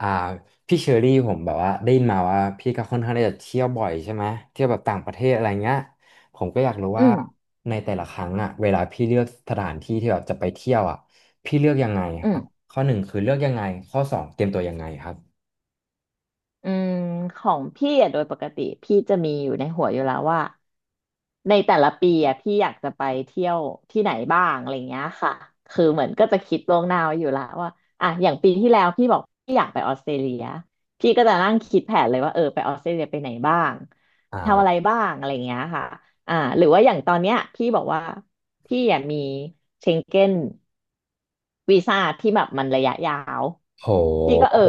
อ่าพี่เชอรี่ผมแบบว่าได้ยินมาว่าพี่ก็ค่อนข้างที่จะเที่ยวบ่อยใช่ไหมเที่ยวแบบต่างประเทศอะไรเงี้ยผมก็อยากรู้อืว่ามในแต่ละครั้งอ่ะเวลาพี่เลือกสถานที่ที่แบบจะไปเที่ยวอ่ะพี่เลือกยังไงอืครับมข้อหนึ่งคือเลือกยังไงข้อสองเตรียมตัวยังไงครับอืมของพี่อะโดยปกติพี่จะมีอยู่ในหัวอยู่แล้วว่าในแต่ละปีอะพี่อยากจะไปเที่ยวที่ไหนบ้างอะไรเงี้ยค่ะคือเหมือนก็จะคิดล่วงหน้าไว้อยู่แล้วว่าอ่ะอย่างปีที่แล้วพี่บอกพี่อยากไปออสเตรเลียพี่ก็จะนั่งคิดแผนเลยว่าเออไปออสเตรเลียไปไหนบ้างอทำอะไร่าบ้างอะไรเงี้ยค่ะอ่าหรือว่าอย่างตอนเนี้ยพี่บอกว่าพี่อ่ะมีเชงเก้นวีซ่าที่แบบมันระยะยาวโพี่ก็หเออ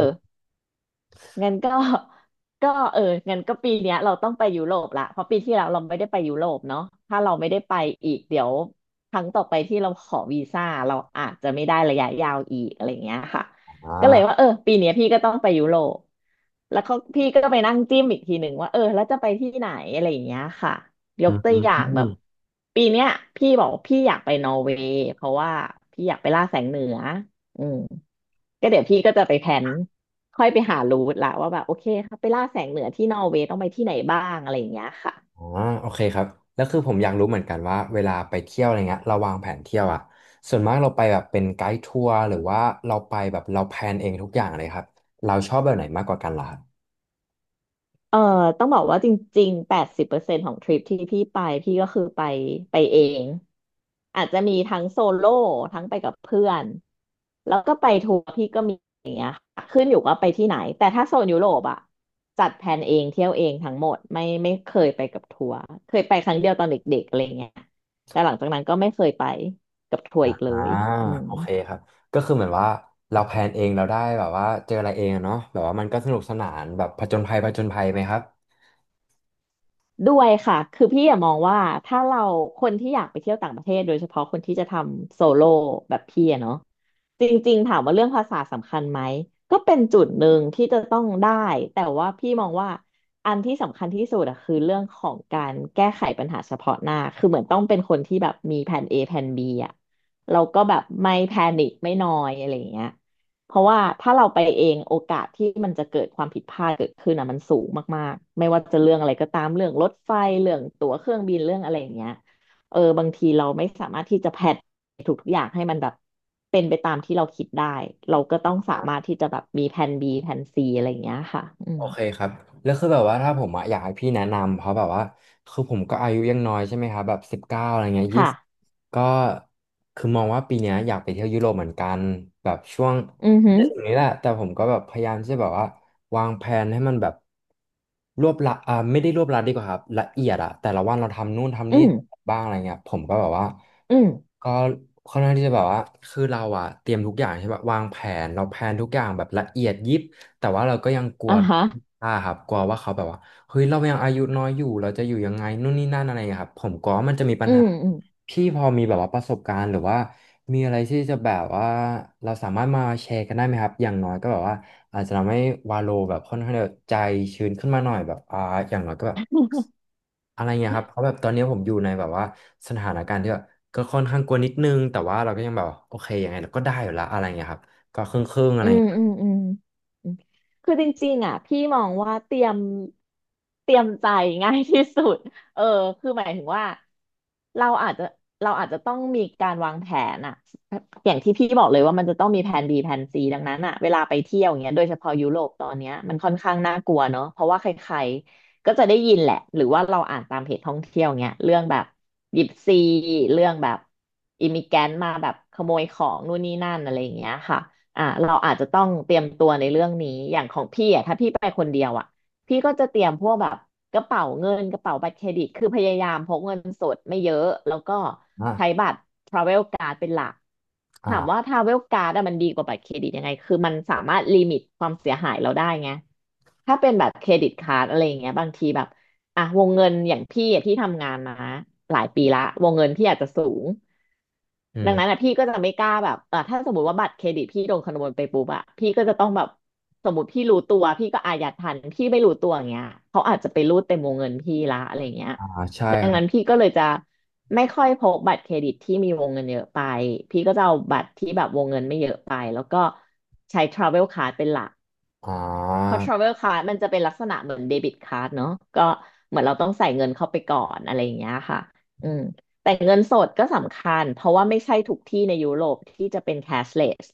งั้นก็ ก็เอองั้นก็ปีเนี้ยเราต้องไปยุโรปละเพราะปีที่แล้วเราไม่ได้ไปยุโรปเนาะถ้าเราไม่ได้ไปอีกเดี๋ยวครั้งต่อไปที่เราขอวีซ่าเราอาจจะไม่ได้ระยะยาวอีกอะไรเงี้ยค่ะอก็เลยว่า่าเออปีเนี้ยพี่ก็ต้องไปยุโรปแล้วก็พี่ก็ไปนั่งจิ้มอีกทีหนึ่งว่าเออแล้วจะไปที่ไหนอะไรอย่างเงี้ยค่ะยอืกตัวอย่างแบบม ปีเนี้ยพี่บอกว่าพี่อยากไปนอร์เวย์เพราะว่าพี่อยากไปล่าแสงเหนืออืมก็เดี๋ยวพี่ก็จะไปแพลน ค่อยไปหารูทละว่าแบบโอเคครับไปล่าแสงเหนือที่นอร์เวย์ต้องไปที่ไหนบ้างอะไรอย่างเงี้ยค่ะอ๋อโอเคครับแล้วคือผมอยากรู้เหมือนกันว่าเวลาไปเที่ยวอะไรเงี้ยเราวางแผนเที่ยวอ่ะส่วนมากเราไปแบบเป็นไกด์ทัวร์หรือว่าเราไปแบบเราแพลนเองทุกอย่างเลยครับเราชอบแบบไหนมากกว่ากันล่ะครับเอ่อต้องบอกว่าจริงๆ80%ของทริปที่พี่ไปพี่ก็คือไปเองอาจจะมีทั้งโซโล่ทั้งไปกับเพื่อนแล้วก็ไปทัวร์พี่ก็มีขึ้นอยู่ว่าไปที่ไหนแต่ถ้าโซนยุโรปอะจัดแผนเองเที่ยวเองทั้งหมดไม่เคยไปกับทัวร์เคยไปครั้งเดียวตอนเด็กๆอะไรเงี้ยแต่หลังจากนั้นก็ไม่เคยไปกับทัวร์ออีกเล่ายอืม โอเคครับก็คือเหมือนว่าเราแพลนเองเราได้แบบว่าเจออะไรเองอะเนาะแบบว่ามันก็สนุกสนานแบบผจญภัยผจญภัยไหมครับ ด้วยค่ะคือพี่อะมองว่าถ้าเราคนที่อยากไปเที่ยวต่างประเทศโดยเฉพาะคนที่จะทำโซโล่แบบพี่อะเนาะจริงๆถามว่าเรื่องภาษาสำคัญไหมก็เป็นจุดหนึ่งที่จะต้องได้แต่ว่าพี่มองว่าอันที่สำคัญที่สุดอะคือเรื่องของการแก้ไขปัญหาเฉพาะหน้าคือเหมือนต้องเป็นคนที่แบบมีแผน A แผน B อะเราก็แบบไม่แพนิคไม่นอยอะไรอย่างเงี้ย เพราะว่าถ้าเราไปเองโอกาสที่มันจะเกิดความผิดพลาดเกิดขึ้นอ่ะมันสูงมากๆไม่ว่าจะเรื่องอะไรก็ตามเรื่องรถไฟเรื่องตั๋วเครื่องบินเรื่องอะไรอย่างเงี้ยเออบางทีเราไม่สามารถที่จะแพลนทุกๆอย่างให้มันแบบเป็นไปตามที่เราคิดได้เราก็ต้องสามารถที่จะแบบมีแผน B แผน C อะไรอย่างเงี้ยค่ะอืโอมเคครับแล้วคือแบบว่าถ้าผมอะอยากให้พี่แนะนำเพราะแบบว่าคือผมก็อายุยังน้อยใช่ไหมครับแบบ19อะไรเงี้ยยี่ค่ะสิบก็คือมองว่าปีเนี้ยอยากไปเที่ยวยุโรปเหมือนกันแบบช่วงอือหืถองนี้แหละแต่ผมก็แบบพยายามที่จะแบบว่าวางแผนให้มันแบบรวบละไม่ได้รวบลัดดีกว่าครับละเอียดอะแต่ละวันเราทำนู่นทำอืนี่มบ้างอะไรเงี้ยผมก็แบบว่าอืมก็ค่อนข้างที่จะแบบว่าคือเราอะเตรียมทุกอย่างใช่ปะวางแผนเราแผนทุกอย่างแบบละเอียดยิบ แต่ว่าเราก็ยังกลัวอ่าฮะอ่าครับกลัวว่าเขาแบบว่าเฮ้ยเรายังอายุน้อยอยู่เราจะอยู่ยังไงนู่นนี่นั่นอะไรอย่างเงี้ยครับผมกลัวว่ามันจะมีปัอืญหามอืม พี่พอมีแบบว่าประสบการณ์หรือว่ามีอะไรที่จะแบบว่าเราสามารถมาแชร์กันได้ไหมครับอย่างน้อยก็แบบว่าอาจจะทำให้วาโลแบบค่อนข้างจะใจชื้นขึ้นมาหน่อยแบบอ่าอย่างน้อยก็แบบอะไรเงี้ยครับเพราะแบบตอนนี้ผมอยู่ในแบบว่าสถานการณ์ที่แบบก็ค่อนข้างกลัวนิดนึงแต่ว่าเราก็ยังแบบว่าโอเคยังไงเราก็ได้อยู่ละอะไรเงี้ยครับก็ครึ่งๆอะไรอืมเงี้ยอืมอืมอืมคือจริงๆอ่ะพี่มองว่าเตรียมใจง่ายที่สุดเออคือหมายถึงว่าเราอาจจะเราอาจจะต้องมีการวางแผนอ่ะอย่างที่พี่บอกเลยว่ามันจะต้องมีแผน B แผน C ดังนั้นอ่ะเวลาไปเที่ยวอย่างเงี้ยโดยเฉพาะยุโรปตอนเนี้ยมันค่อนข้างน่ากลัวเนอะเพราะว่าใครๆก็จะได้ยินแหละหรือว่าเราอ่านตามเพจท่องเที่ยวเงี้ยเรื่องแบบยิปซีเรื่องแบบอิมิแกนมาแบบขโมยของนู่นนี่นั่นอะไรอย่างเงี้ยค่ะ อ่าเราอาจจะต้องเตรียมตัวในเรื่องนี้อย่างของพี่อ่ะถ้าพี่ไปคนเดียวอ่ะพี่ก็จะเตรียมพวกแบบกระเป๋าเงินกระเป๋าบัตรเครดิตคือพยายามพกเงินสดไม่เยอะแล้วก็อ่าใช้บัตรทราเวลการ์เป็นหลักถามว่าอ่าทราเวลการ d ดอะมันดีกว่าบัตรเครดิตยังไงคือมันสามารถลิมิตความเสียหายเราได้ไงถ้าเป็นแบบเครดิตการ์ดอะไรอย่างเงี้ยบางทีแบบอ่ะวงเงินอย่างพี่อะที่ทำงานมาหลายปีละวงเงินพี่อาจจะสูง อืดังนั้นม อ่ะพี่ก็จะไม่กล้าแบบเออถ้าสมมติว่าบัตรเครดิตพี่โดนขโมยไปปุ๊บอ่ะพี่ก็จะต้องแบบสมมติพี่รู้ตัวพี่ก็อายัดทันพี่ไม่รู้ตัวอย่างเงี้ยเขาอาจจะไปรูดเต็มวงเงินพี่ละอะไรเงี้ยอ่าใช่ดังครันั้นบพี่ก็เลยจะไม่ค่อยพกบัตรเครดิตที่มีวงเงินเยอะไปพี่ก็จะเอาบัตรที่แบบวงเงินไม่เยอะไปแล้วก็ใช้ travel card เป็นหลัก อ๋อเพราะ travel card มันจะเป็นลักษณะเหมือนเดบิตกา r d เนอะก็เหมือนเราต้องใส่เงินเข้าไปก่อนอะไรอย่างเงี้ยค่ะอืมแต่เงินสดก็สำคัญเพราะว่าไม่ใช่ทุกที่ในยุโรปที่จะเป็น cashless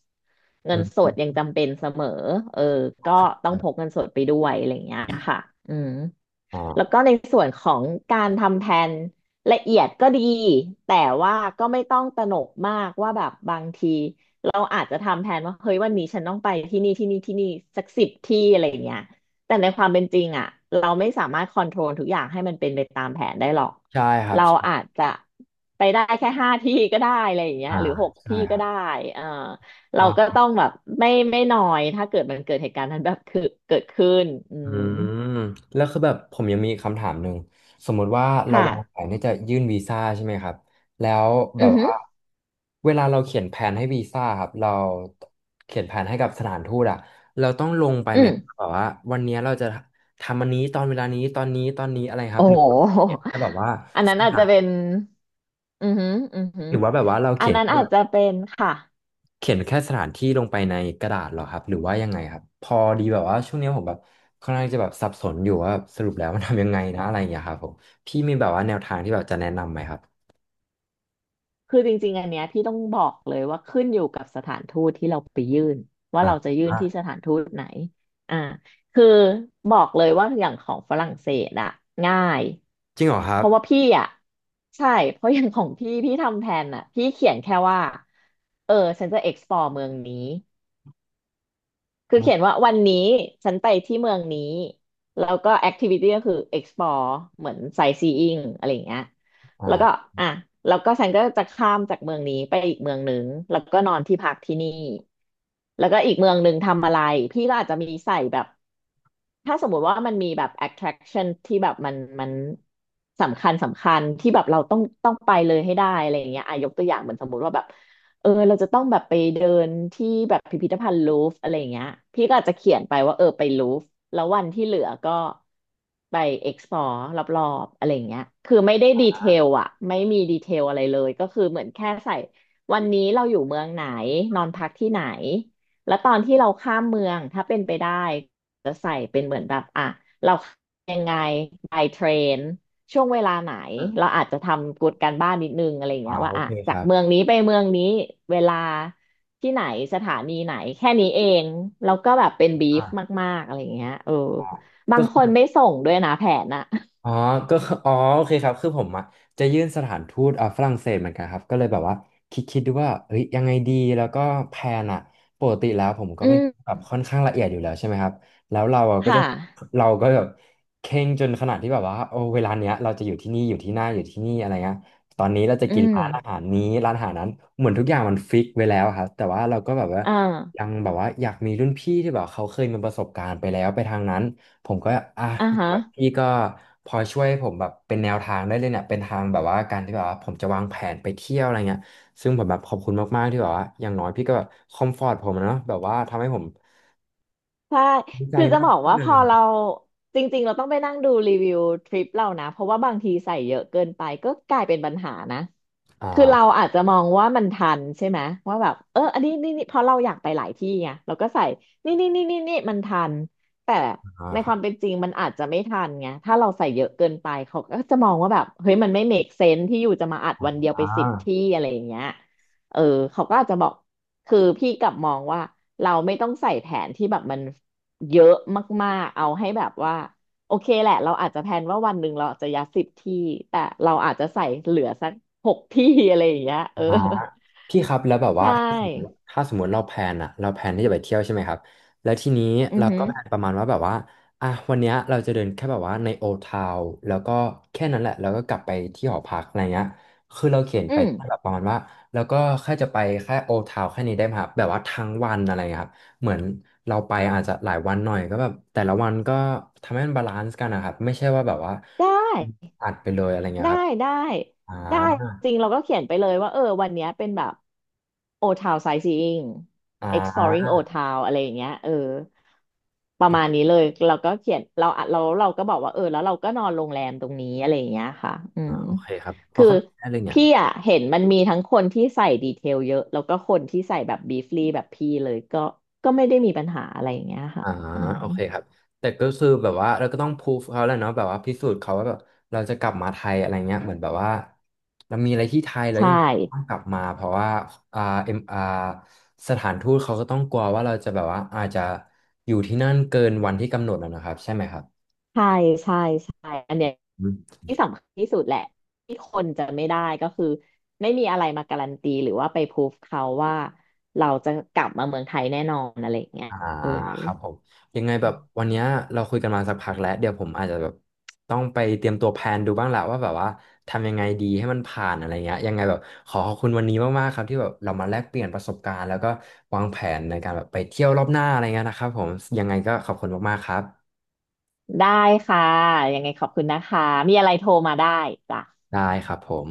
เงิอืนสมดยังจำเป็นเสมอเออก็ต้อคงรัพกบเงินสดไปด้วยอะไรอย่างเงี้ยค่ะอืม อ๋อแล้วก็ในส่วนของการทำแผนละเอียดก็ดีแต่ว่าก็ไม่ต้องตระหนกมากว่าแบบบางทีเราอาจจะทำแผนว่าเฮ้ยวันนี้ฉันต้องไปที่นี่ที่นี่ที่นี่สักสิบที่อะไรอย่างเงี้ยแต่ในความเป็นจริงอ่ะเราไม่สามารถคอนโทรลทุกอย่างให้มันเป็นไปตามแผนได้หรอกใช่ครับเราอาใช่จจะไปได้แค่5 ที่ก็ได้อะไรอย่างเงี้ยอ่าหรือหกใช่ที่คก็รับได้เออเราอ่ก็าต้องแบบไม่นอยถ้าเกิดมันเกิดเหตุการณ์นั้นแบบคือเกิดขึ้นอือืมมแล้วคือแบบผมยังมีคำถามหนึ่งสมมุติว่าเราค่ะวางแผนที่จะยื่นวีซ่าใช่ไหมครับแล้วแบอืบอฮึ ว่าเวลาเราเขียนแผนให้วีซ่าครับเราเขียนแผนให้กับสถานทูตอะเราต้องลงไปอืไหมครับมแบบว่าวันเนี้ยเราจะทำอันนี้ตอนเวลานี้ตอนนี้ตอนนี้อะไรครัโอ้บหรือโหเขียนแค่แบบว่าอันสนั้นอาจถาจะนเป็นอือหืออือหือหรือว่าแบบว่าเราอันเขียนนั้นแค่อาแบจบ จะเป็นค่ะเขียนแค่สถานที่ลงไปในกระดาษเหรอครับหรือว่ายังไงครับพอดีแบบว่าช่วงนี้ผมแบบค่อนข้างจะแบบสับสนอยู่ว่าสรุปแล้วมันทำยังไงนะอะไรอย่างเงี้ยครับผมพี่มีแบบว่าแนวทางที่แบบจะแนะนำไหมครับคือจริงๆอันเนี้ยพี่ต้องบอกเลยว่าขึ้นอยู่กับสถานทูตที่เราไปยื่นว่าอ่าเราจะยื่นอ่าที่สถานทูตไหนอ่าคือบอกเลยว่าอย่างของฝรั่งเศสอะง่ายจริงเหรอครัเพบราะว่าพี่อะใช่เพราะอย่างของพี่ทำแผนอะพี่เขียนแค่ว่าเออฉันจะ explore เมืองนี้ คือเขียนอ่าว่าวันนี้ฉันไปที่เมืองนี้แล้วก็แอคทิวิตี้ก็คือ explore เหมือน sightseeing อะไรอย่างเงี้ยแล้วก็อ่าอ่ะแล้วก็ฉันก็จะข้ามจากเมืองนี้ไปอีกเมืองหนึ่งแล้วก็นอนที่พักที่นี่แล้วก็อีกเมืองหนึ่งทำอะไรพี่ก็อาจจะมีใส่แบบ ถ้าสมมุติว่ามันมีแบบ attraction ที่แบบมันสำคัญที่แบบเราต้องไปเลยให้ได้อะไรอย่างเงี้ยอ่ะยกตัวอย่างเหมือนสมมุติว่าแบบเราจะต้องแบบไปเดินที่แบบพิพิธภัณฑ์ลูฟร์อะไรอย่างเงี้ยพี่ก็อาจจะเขียนไปว่าไปลูฟร์แล้ววันที่เหลือก็ไป explore รอบๆอะไรอย่างเงี้ยคือไม่ได้ดีเทลอะไม่มีดีเทลอะไรเลยก็คือเหมือนแค่ใส่วันนี้เราอยู่เมืองไหนนอนพักที่ไหนแล้วตอนที่เราข้ามเมืองถ้าเป็นไปได้ จะใส่เป็นเหมือนแบบอ่ะเรายังไง by train ช่วงเวลาไหนอืเรามอาจจะทำกูดการบ้านนิดนึงอะไรอย่างอ่าเงี้ยว่าโออ่ะเคคจากรับเมืองนี้ไปเมืองนี้เวลาที่ไหนสถานีไหนแค่นี้เองแล้วก็แบบเป็นบีอ่าฟมากๆอะไรอย่างเงี้ยอ่าบาก็งคคือ นไม่ส่งด้วยนะแผนอะอ๋อก็คืออ๋อโอเคครับคือผมอะจะยื่นสถานทูตอ่าฝรั่งเศสเหมือนกันครับก็เลยแบบว่าคิดคิดดูว่าเฮ้ยยังไงดีแล้วก็แพลนอะปกติแล้วผมก็อืไม่มแบบค่อนข้างละเอียดอยู่แล้วใช่ไหมครับแล้วเราอะก็ค่ะจะเราก็แบบเคร่งจนขนาดที่แบบว่าโอ้เวลาเนี้ยเราจะอยู่ที่นี่อยู่ที่หน้าอยู่ที่นี่อะไรเงี้ยตอนนี้เราจะอืกินมร้านอาหารนี้ร้านอาหารนั้นเหมือนทุกอย่างมันฟิกไว้แล้วครับแต่ว่าเราก็แบบว่าอ่ายังแบบว่าอยากมีรุ่นพี่ที่แบบเขาเคยมีประสบการณ์ไปแล้วไปทางนั้น ผมก็อ่ะอ่าฮะแบบพี่ก็พอช่วยผมแบบเป็นแนวทางได้เลยเนี่ยเป็นทางแบบว่าการที่แบบว่าผมจะวางแผนไปเที่ยวอะไรเงี้ยซึ่งผมแบบขอบคุณมากๆที่แบบว่าอย่างน้อยพี่ก็แบบคอมฟอร์ตผมอะเนาะแบบว่าทำให้ผมใช่ดีใจคือจะมาบกอกขึ้นว่าเลพอเรายจริงๆเราต้องไปนั่งดูรีวิวทริปเรานะเพราะว่าบางทีใส่เยอะเกินไปก็กลายเป็นปัญหานะ อคือเรา่าอาจจะมองว่ามันทันใช่ไหมว่าแบบอันนี้นี่นี่เพราะเราอยากไปหลายที่ไงเราก็ใส่นี่นี่นี่นี่นี่มันทันแต่อ่าในคครัวาบมเป็นจริงมันอาจจะไม่ทันไงถ้าเราใส่เยอะเกินไปเขาก็จะมองว่าแบบเฮ้ยมันไม่ make sense ที่อยู่จะมาอัดวันเดียวไปอ่สิบที่อะไรอย่างเงี้ยเออเขาก็อาจจะบอกคือพี่กลับมองว่าเราไม่ต้องใส่แผนที่แบบมันเยอะมากๆเอาให้แบบว่า โอเคแหละเราอาจจะแพลนว่าวันหนึ่งเราอาจจะยัดสิบที่แต่เราอาจจะใส่เหลือสักหกที่ อะไรอย่างเงี้ยา พี่ครับแล้วแบบใชว่าถ้าสมมติ่ถ้าสมมติเราแพลนอะเราแพลนที่จะไปเที่ยวใช่ไหมครับแล้วทีนี้อือเราหืก็อแพลนประมาณว่าแบบว่าอ่ะวันเนี้ยเราจะเดินแค่แบบว่าในโอทาวแล้วก็แค่นั้นแหละแล้วก็กลับไปที่หอพักอะไรเงี้ยคือเราเขียนอืไปมแค่แบบประมาณว่าแล้วก็แค่จะไปแค่โอทาวแค่นี้ได้ไหมครับแบบว่าทั้งวันอะไรเงี้ยครับเหมือนเราไปอาจจะหลายวันหน่อยก็แบบแต่ละวันก็ทำให้มันบาลานซ์กันนะครับไม่ใช่ว่าแบบว่าได้อัดไปเลยอะไรเงี้ยได้ครับได้อ่ได้าจริงเราก็เขียนไปเลยว่าวันเนี้ยเป็นแบบ โอทาวไซซิ่ง อ่ exploring าโอทาวอะไรอย่างเงี้ยประมาณนี้เลยเราก็เขียนเราก็บอกว่าแล้วเราก็นอนโรงแรมตรงนี้อะไรอย่างเงี้ยค่ะอือ่ามโอเคครับพอคือเข้าใจได้เลยเนี่ย พี่อ่ะเห็นมันมีทั้งคนที่ใส่ดีเทลเยอะแล้วก็คนที่ใส่แบบบีฟลีแบบพี่เลยก็ไม่ได้มีปัญหาอะไรอย่างเงี้ยค่ะอ่าอืมโอเคครับแต่ก็คือแบบว่าเราก็ต้องพูฟเขาแหละเนาะแบบว่าพิสูจน์เขาว่าแบบเราจะกลับมาไทยอะไรเงี้ยเหมือนแบบว่าเรามีอะไรที่ไทยแล้วใช่ยังต้องกลับมาเพราะว่าอ่าเอ็มอ่าสถานทูตเขาก็ต้องกลัวว่าเราจะแบบว่าอาจจะอยู่ที่นั่นเกินวันที่กำหนดนะนะครับใช่ไหมครับ ใช่ใช่ใช่อันเนี้ย ที่สำคัญที่สุดแหละที่คนจะไม่ได้ก็คือไม่มีอะไรมาการันตีหรือว่าไปพรูฟเขาว่าเราจะกลับมาเมืองไทยแน่นอนอะไรอย่างเงี้ยอ่าเออครับผมยังไงแบบวันเนี้ยเราคุยกันมาสักพักแล้วเดี๋ยวผมอาจจะแบบต้องไปเตรียมตัวแพลนดูบ้างแหละว่าแบบว่าทำยังไงดีให้มันผ่านอะไรเงี้ยยังไงแบบขอขอบคุณวันนี้มากๆครับที่แบบเรามาแลกเปลี่ยนประสบการณ์แล้วก็วางแผนในการแบบไปเที่ยวรอบหน้าอะไรเงี้ยนะครับผมยังไงก็ขอบคุณมากๆครับได้ค่ะยังไงขอบคุณนะคะมีอะไรโทรมาได้จ้ะได้ครับผม